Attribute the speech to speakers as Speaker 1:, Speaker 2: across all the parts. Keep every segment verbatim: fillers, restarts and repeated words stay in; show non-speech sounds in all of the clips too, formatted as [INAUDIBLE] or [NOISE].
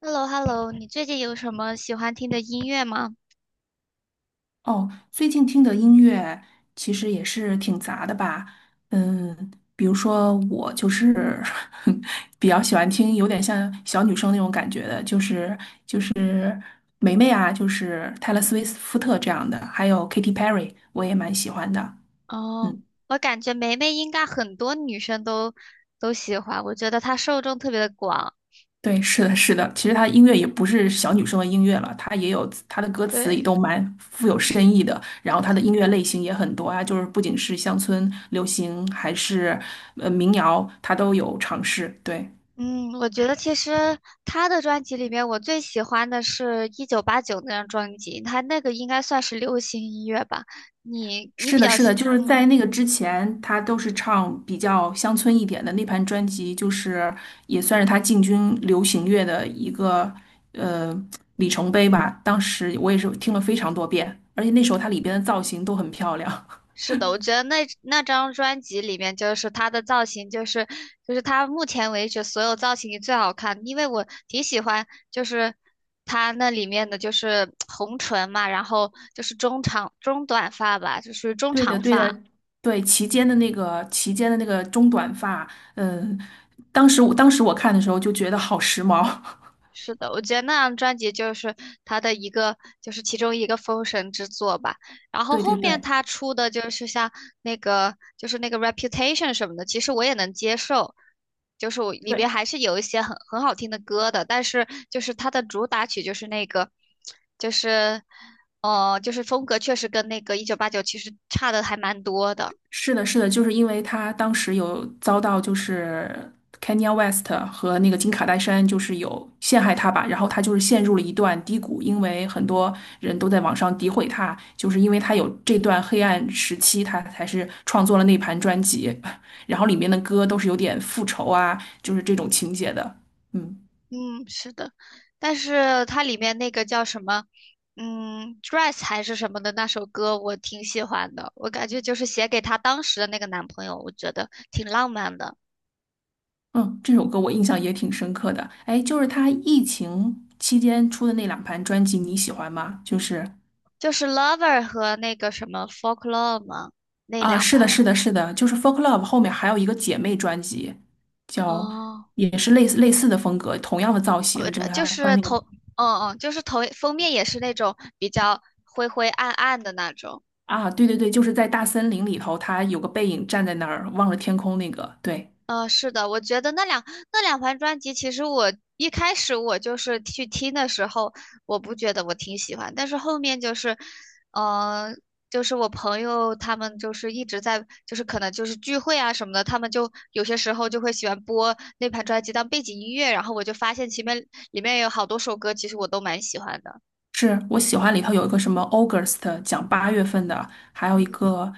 Speaker 1: h e l l o h e l l o 你最近有什么喜欢听的音乐吗？
Speaker 2: 哦，最近听的音乐其实也是挺杂的吧，嗯，比如说我就是 [LAUGHS] 比较喜欢听有点像小女生那种感觉的，就是就是霉霉啊，就是泰勒·斯威夫特这样的，还有 Katy Perry，我也蛮喜欢的。
Speaker 1: 哦，
Speaker 2: 嗯。
Speaker 1: 我感觉梅梅应该很多女生都都喜欢，我觉得她受众特别的广。
Speaker 2: 对，是的，是的。其实她音乐也不是小女生的音乐了，她也有她的歌词
Speaker 1: 对，
Speaker 2: 也都蛮富有深意的。然后她的音乐类型也很多啊，就是不仅是乡村流行，还是呃民谣，她都有尝试。对，
Speaker 1: 嗯，我觉得其实她的专辑里面，我最喜欢的是《一九八九那张专辑，她那个应该算是流行音乐吧。你你
Speaker 2: 是
Speaker 1: 比
Speaker 2: 的，
Speaker 1: 较
Speaker 2: 是的，
Speaker 1: 喜，
Speaker 2: 就是在
Speaker 1: 嗯，
Speaker 2: 那个之前，她都是唱比较乡村一点的。那盘专辑就是也算是她进军流行乐的一个呃里程碑吧。当时我也是听了非常多遍，而且那时候她里边的造型都很漂亮。
Speaker 1: 是的，我觉得那那张专辑里面，就是她的造型，就是就是她目前为止所有造型里最好看，因为我挺喜欢，就是她那里面的就是红唇嘛，然后就是中长中短发吧，就是中
Speaker 2: 对的，
Speaker 1: 长
Speaker 2: 对
Speaker 1: 发，
Speaker 2: 的，对齐肩的那个齐肩的那个中短发，嗯，当时我当时我看的时候就觉得好时髦。[LAUGHS]
Speaker 1: 是的，我觉得那张专辑就是他的一个，就是其中一个封神之作吧。然后
Speaker 2: 对
Speaker 1: 后
Speaker 2: 对
Speaker 1: 面
Speaker 2: 对，
Speaker 1: 他出的就是像那个，就是那个 Reputation 什么的，其实我也能接受，就是我里面还是有一些很很好听的歌的。但是就是他的主打曲就是那个，就是，呃，就是风格确实跟那个一九八九其实差的还蛮多的。
Speaker 2: 是的，是的，就是因为他当时有遭到就是 Kanye West 和那个金卡戴珊就是有陷害他吧，然后他就是陷入了一段低谷，因为很多人都在网上诋毁他，就是因为他有这段黑暗时期，他才是创作了那盘专辑，[LAUGHS] 然后里面的歌都是有点复仇啊，就是这种情节的，嗯。
Speaker 1: 嗯，是的，但是它里面那个叫什么，嗯，Dress 还是什么的那首歌，我挺喜欢的。我感觉就是写给她当时的那个男朋友，我觉得挺浪漫的。
Speaker 2: 嗯，这首歌我印象也挺深刻的。哎，就是他疫情期间出的那两盘专辑，你喜欢吗？就是
Speaker 1: 就是 Lover 和那个什么 Folklore 嘛，那
Speaker 2: 啊，
Speaker 1: 两
Speaker 2: 是的，
Speaker 1: 盘
Speaker 2: 是
Speaker 1: 嘛。
Speaker 2: 的，是的，就是《Folk Love》后面还有一个姐妹专辑，叫
Speaker 1: 哦，
Speaker 2: 也是类似类似的风格，同样的造
Speaker 1: 我
Speaker 2: 型，就
Speaker 1: 这
Speaker 2: 是
Speaker 1: 就
Speaker 2: 他穿
Speaker 1: 是
Speaker 2: 那个
Speaker 1: 头，嗯嗯，就是头封面也是那种比较灰灰暗暗的那种。
Speaker 2: 啊，对对对，就是在大森林里头，他有个背影站在那儿望着天空那个，对。
Speaker 1: 嗯，是的，我觉得那两那两盘专辑，其实我一开始我就是去听的时候，我不觉得我挺喜欢，但是后面就是，呃，就是我朋友他们就是一直在，就是可能就是聚会啊什么的，他们就有些时候就会喜欢播那盘专辑当背景音乐，然后我就发现前面里面有好多首歌，其实我都蛮喜欢的。
Speaker 2: 是我喜欢里头有一个什么 August 讲八月份的，还有一个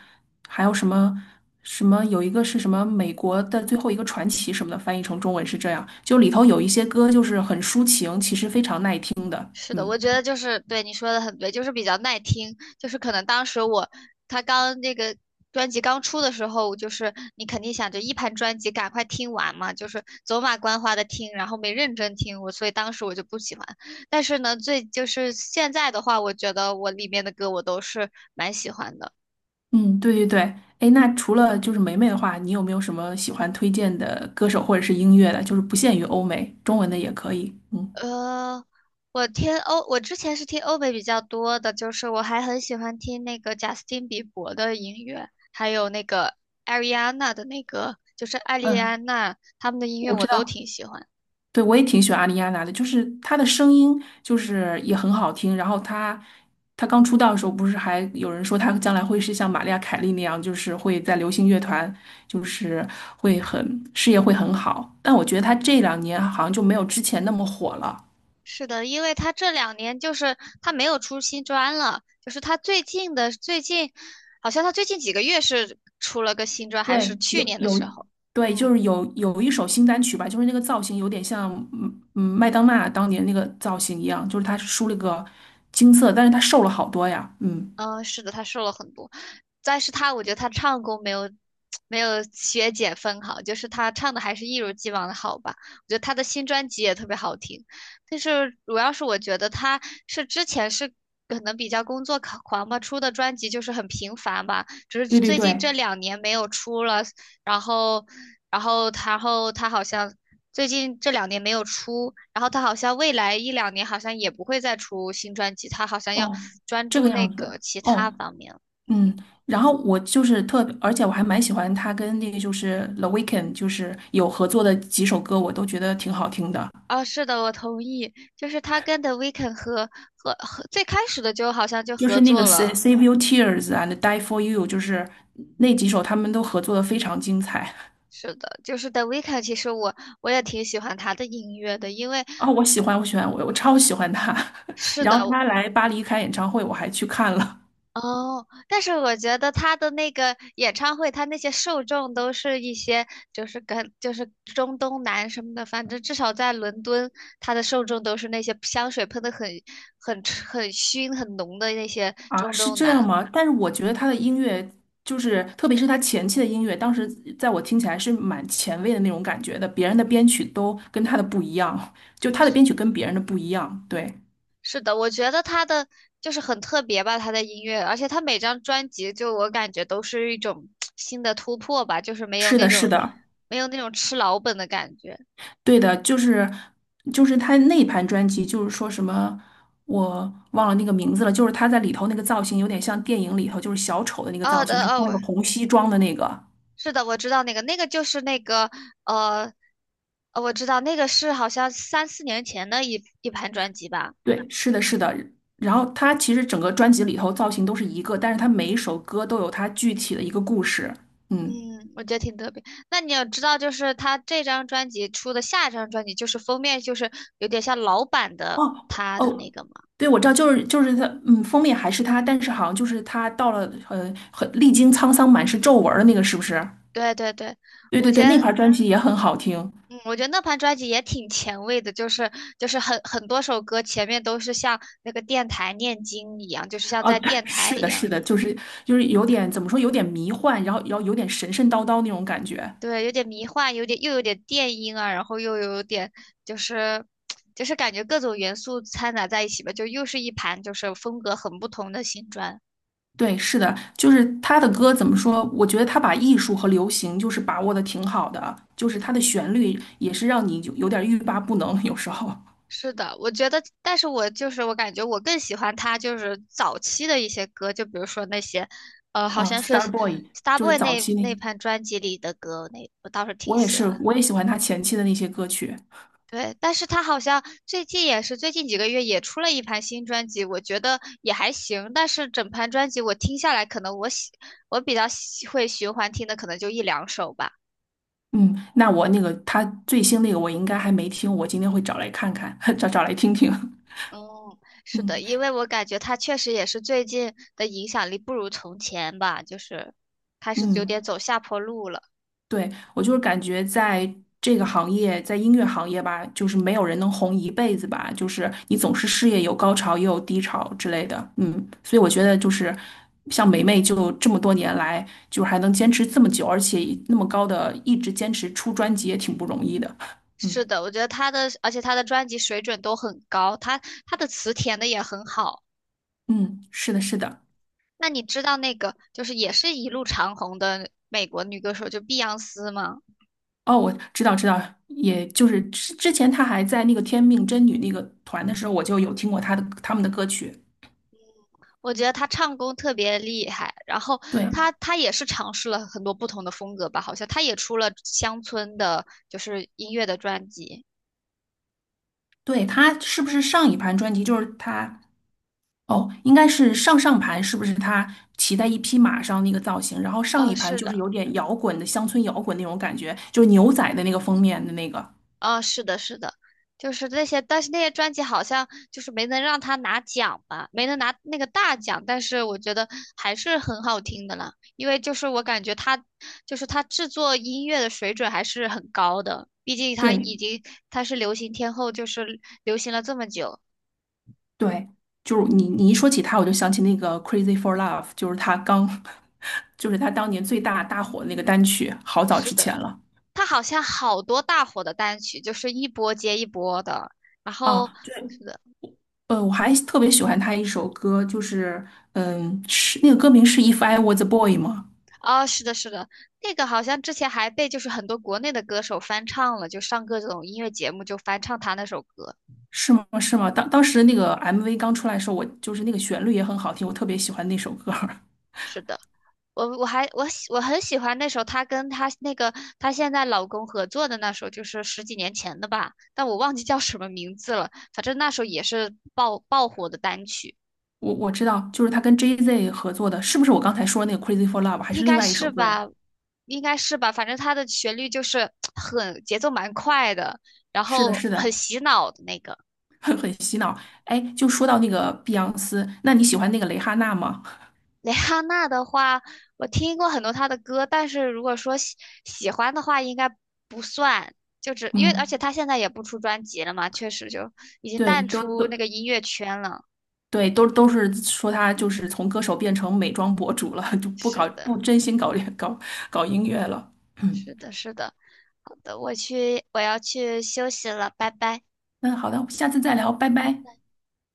Speaker 2: 还有什么什么有一个是什么美国的最后一个传奇什么的，翻译成中文是这样。就里头有一些歌就是很抒情，其实非常耐听的。
Speaker 1: 是的，
Speaker 2: 嗯
Speaker 1: 我觉得就是对你说的很对，就是比较耐听。就是可能当时我他刚那个专辑刚出的时候，就是你肯定想着一盘专辑赶快听完嘛，就是走马观花的听，然后没认真听我，所以当时我就不喜欢。但是呢，最就是现在的话，我觉得我里面的歌我都是蛮喜欢的。
Speaker 2: 嗯，对对对。哎，那除了就是梅梅的话，你有没有什么喜欢推荐的歌手或者是音乐的？就是不限于欧美，中文的也可以。嗯
Speaker 1: 呃，我听欧，我之前是听欧美比较多的，就是我还很喜欢听那个贾斯汀比伯的音乐，还有那个艾瑞安娜的那个，就是艾丽
Speaker 2: 嗯，
Speaker 1: 安娜他们的音乐
Speaker 2: 我
Speaker 1: 我
Speaker 2: 知
Speaker 1: 都
Speaker 2: 道。
Speaker 1: 挺喜欢。
Speaker 2: 对，我也挺喜欢阿丽亚娜的，就是她的声音就是也很好听。然后她，她刚出道的时候，不是还有人说她将来会是像玛丽亚·凯莉那样，就是会在流行乐团，就是会很事业会很好。但我觉得她这两年好像就没有之前那么火了。
Speaker 1: 是的，因为他这两年就是他没有出新专了，就是他最近的最近，好像他最近几个月是出了个新专，还是
Speaker 2: 对，
Speaker 1: 去
Speaker 2: 有
Speaker 1: 年的
Speaker 2: 有，
Speaker 1: 时候。
Speaker 2: 对，就
Speaker 1: 嗯。
Speaker 2: 是有有一首新单曲吧，就是那个造型有点像嗯嗯麦当娜当年那个造型一样，就是她梳了个金色，但是她瘦了好多呀。嗯，
Speaker 1: 嗯，是的，他瘦了很多，但是他我觉得他唱功没有没有学姐分好，就是他唱的还是一如既往的好吧。我觉得他的新专辑也特别好听，但是主要是我觉得他是之前是可能比较工作狂狂吧，出的专辑就是很频繁吧，只是
Speaker 2: 对对
Speaker 1: 最近
Speaker 2: 对，
Speaker 1: 这两年没有出了，然后，然后，然后他好像最近这两年没有出，然后他好像未来一两年好像也不会再出新专辑，他好像要
Speaker 2: 哦，
Speaker 1: 专
Speaker 2: 这个
Speaker 1: 注那
Speaker 2: 样子。
Speaker 1: 个其
Speaker 2: 哦，
Speaker 1: 他方面了。
Speaker 2: 嗯，
Speaker 1: 嗯，
Speaker 2: 然后我就是特别而且我还蛮喜欢他跟那个就是 The Weeknd，就是有合作的几首歌，我都觉得挺好听的。
Speaker 1: 哦，是的，我同意，就是他跟 The Weeknd 和和和最开始的就好像就
Speaker 2: 就
Speaker 1: 合
Speaker 2: 是那
Speaker 1: 作
Speaker 2: 个 Sa-
Speaker 1: 了。
Speaker 2: Save Your Tears and Die for You，就是那几首他们都合作的非常精彩
Speaker 1: 是的，就是 The Weeknd,其实我我也挺喜欢他的音乐的，因为
Speaker 2: 啊，我喜欢，我喜欢，我我超喜欢他。[LAUGHS]
Speaker 1: 是
Speaker 2: 然
Speaker 1: 的，
Speaker 2: 后他来巴黎开演唱会，我还去看了。
Speaker 1: 哦，但是我觉得他的那个演唱会，他那些受众都是一些就是跟就是中东南什么的，反正至少在伦敦，他的受众都是那些香水喷的很很很熏很浓的那些
Speaker 2: 啊，
Speaker 1: 中
Speaker 2: 是
Speaker 1: 东
Speaker 2: 这样
Speaker 1: 男。
Speaker 2: 吗？但是我觉得他的音乐，就是特别是他前期的音乐，当时在我听起来是蛮前卫的那种感觉的，别人的编曲都跟他的不一样，就他的编曲跟别人的不一样。对，
Speaker 1: 是的，我觉得他的就是很特别吧，他的音乐，而且他每张专辑就我感觉都是一种新的突破吧，就是没有
Speaker 2: 是
Speaker 1: 那
Speaker 2: 的，是
Speaker 1: 种
Speaker 2: 的，
Speaker 1: 没有那种吃老本的感觉。
Speaker 2: 对的，就是就是他那一盘专辑，就是说什么我忘了那个名字了，就是他在里头那个造型有点像电影里头就是小丑的那个
Speaker 1: 哦
Speaker 2: 造
Speaker 1: 的
Speaker 2: 型，他穿了
Speaker 1: 哦，
Speaker 2: 个红西装的那个。
Speaker 1: 是的，我知道那个，那个就是那个，呃，呃，我知道那个是好像三四年前的一一盘专辑吧，
Speaker 2: 对，是的，是的。然后他其实整个专辑里头造型都是一个，但是他每一首歌都有他具体的一个故事。嗯，
Speaker 1: 嗯，我觉得挺特别。那你要知道，就是他这张专辑出的下一张专辑，就是封面就是有点像老版的
Speaker 2: 哦，我
Speaker 1: 他的那
Speaker 2: 哦，
Speaker 1: 个嘛。
Speaker 2: 对，我知道，就是就是他，嗯，封面还是他，但是好像就是他到了，呃，很历经沧桑，满是皱纹儿的那个，是不是？
Speaker 1: 对对对，
Speaker 2: 对
Speaker 1: 我
Speaker 2: 对
Speaker 1: 觉
Speaker 2: 对，那
Speaker 1: 得，
Speaker 2: 盘专辑也很好听
Speaker 1: 嗯，我觉得那盘专辑也挺前卫的，就是就是很很多首歌前面都是像那个电台念经一样，就是像
Speaker 2: 啊。
Speaker 1: 在
Speaker 2: 对
Speaker 1: 电台
Speaker 2: 是
Speaker 1: 一
Speaker 2: 的，是
Speaker 1: 样。
Speaker 2: 的，就是就是有点怎么说，有点迷幻，然后然后有点神神叨叨那种感觉。
Speaker 1: 对，有点迷幻，有点又有点电音啊，然后又有点就是就是感觉各种元素掺杂在一起吧，就又是一盘就是风格很不同的新专。
Speaker 2: 对，是的，就是他的歌怎么说？我觉得他把艺术和流行就是把握的挺好的，就是他的旋律也是让你有有点欲罢不能，有时候
Speaker 1: 是的，我觉得，但是我就是我感觉我更喜欢他就是早期的一些歌，就比如说那些，呃，好
Speaker 2: 啊
Speaker 1: 像是
Speaker 2: ，Star Boy 就是
Speaker 1: Starboy
Speaker 2: 早
Speaker 1: 那
Speaker 2: 期那，
Speaker 1: 那盘专辑里的歌，那我倒是挺
Speaker 2: 我也
Speaker 1: 喜
Speaker 2: 是，
Speaker 1: 欢。
Speaker 2: 我也喜欢他前期的那些歌曲。
Speaker 1: 对，但是他好像最近也是最近几个月也出了一盘新专辑，我觉得也还行。但是整盘专辑我听下来，可能我喜我比较喜会循环听的，可能就一两首吧。
Speaker 2: 嗯，那我那个他最新那个我应该还没听，我今天会找来看看，[LAUGHS] 找找来听听。
Speaker 1: 嗯，
Speaker 2: [LAUGHS]
Speaker 1: 是
Speaker 2: 嗯
Speaker 1: 的，因为我感觉他确实也是最近的影响力不如从前吧，就是开始有点
Speaker 2: 嗯，
Speaker 1: 走下坡路了。
Speaker 2: 对，我就是感觉在这个行业，在音乐行业吧，就是没有人能红一辈子吧，就是你总是事业有高潮也有低潮之类的，嗯，所以我觉得就是像梅梅就这么多年来，就是还能坚持这么久，而且那么高的一直坚持出专辑也挺不容易的，嗯
Speaker 1: 是的，我觉得他的，而且他的专辑水准都很高，他他的词填的也很好。
Speaker 2: 嗯，是的，是的，
Speaker 1: 那你知道那个就是也是一路长红的美国女歌手，就碧昂斯吗？
Speaker 2: 哦，我知道知道，也就是之之前她还在那个天命真女那个团的时候，我就有听过她的他们的歌曲，
Speaker 1: 我觉得她唱功特别厉害，然后
Speaker 2: 对，
Speaker 1: 她她也是尝试了很多不同的风格吧，好像她也出了乡村的，就是音乐的专辑。
Speaker 2: 对，他是不是上一盘专辑就是他？哦，应该是上上盘，是不是他骑在一匹马上那个造型？然后上
Speaker 1: 呃，
Speaker 2: 一盘
Speaker 1: 是
Speaker 2: 就是
Speaker 1: 的。
Speaker 2: 有点摇滚的乡村摇滚那种感觉，就是牛仔的那个封面的那个。
Speaker 1: 啊、是的，是的，就是那些，但是那些专辑好像就是没能让他拿奖吧，没能拿那个大奖，但是我觉得还是很好听的啦，因为就是我感觉他，就是他制作音乐的水准还是很高的，毕竟他
Speaker 2: 对
Speaker 1: 已经他是流行天后，就是流行了这么久。
Speaker 2: 对，就是你你一说起他，我就想起那个《Crazy for Love》，就是他刚，[LAUGHS] 就是他当年最大大火的那个单曲，好早
Speaker 1: 是
Speaker 2: 之
Speaker 1: 的，
Speaker 2: 前了
Speaker 1: 他好像好多大火的单曲，就是一波接一波的，然
Speaker 2: 啊。
Speaker 1: 后。是的。
Speaker 2: 呃，我还特别喜欢他一首歌，就是嗯，是那个歌名是《If I Was a Boy》吗？
Speaker 1: 哦，是的，是的，那个好像之前还被就是很多国内的歌手翻唱了，就上各种音乐节目就翻唱他那首歌。
Speaker 2: 是吗？是吗？当当时那个 M V 刚出来的时候，我就是那个旋律也很好听，我特别喜欢那首歌儿 [LAUGHS]
Speaker 1: 是的，我我还我喜我很喜欢那首她跟她那个她现在老公合作的那首，就是十几年前的吧，但我忘记叫什么名字了。反正那首也是爆爆火的单曲，
Speaker 2: 我我知道，就是他跟 J Z 合作的，是不是我刚才说的那个《Crazy for Love》，还
Speaker 1: 应
Speaker 2: 是另
Speaker 1: 该
Speaker 2: 外一首
Speaker 1: 是
Speaker 2: 歌呀？
Speaker 1: 吧，应该是吧。反正它的旋律就是很节奏蛮快的，然
Speaker 2: 是的，
Speaker 1: 后
Speaker 2: 是
Speaker 1: 很
Speaker 2: 的，
Speaker 1: 洗脑的那个。
Speaker 2: [LAUGHS] 很很洗脑。哎，就说到那个碧昂斯，那你喜欢那个蕾哈娜吗？
Speaker 1: 蕾哈娜的话，我听过很多她的歌，但是如果说喜喜欢的话，应该不算，就只因为而且
Speaker 2: 嗯，
Speaker 1: 她现在也不出专辑了嘛，确实就已经
Speaker 2: 对，
Speaker 1: 淡
Speaker 2: 都
Speaker 1: 出那
Speaker 2: 都
Speaker 1: 个音乐圈了。
Speaker 2: 对，都都是说她就是从歌手变成美妆博主了，就不
Speaker 1: 是
Speaker 2: 搞
Speaker 1: 的，
Speaker 2: 不真心搞搞搞音乐了。嗯，
Speaker 1: 是的，是的。好的，我去，我要去休息了，拜拜。
Speaker 2: 那好的，下次再聊，拜拜。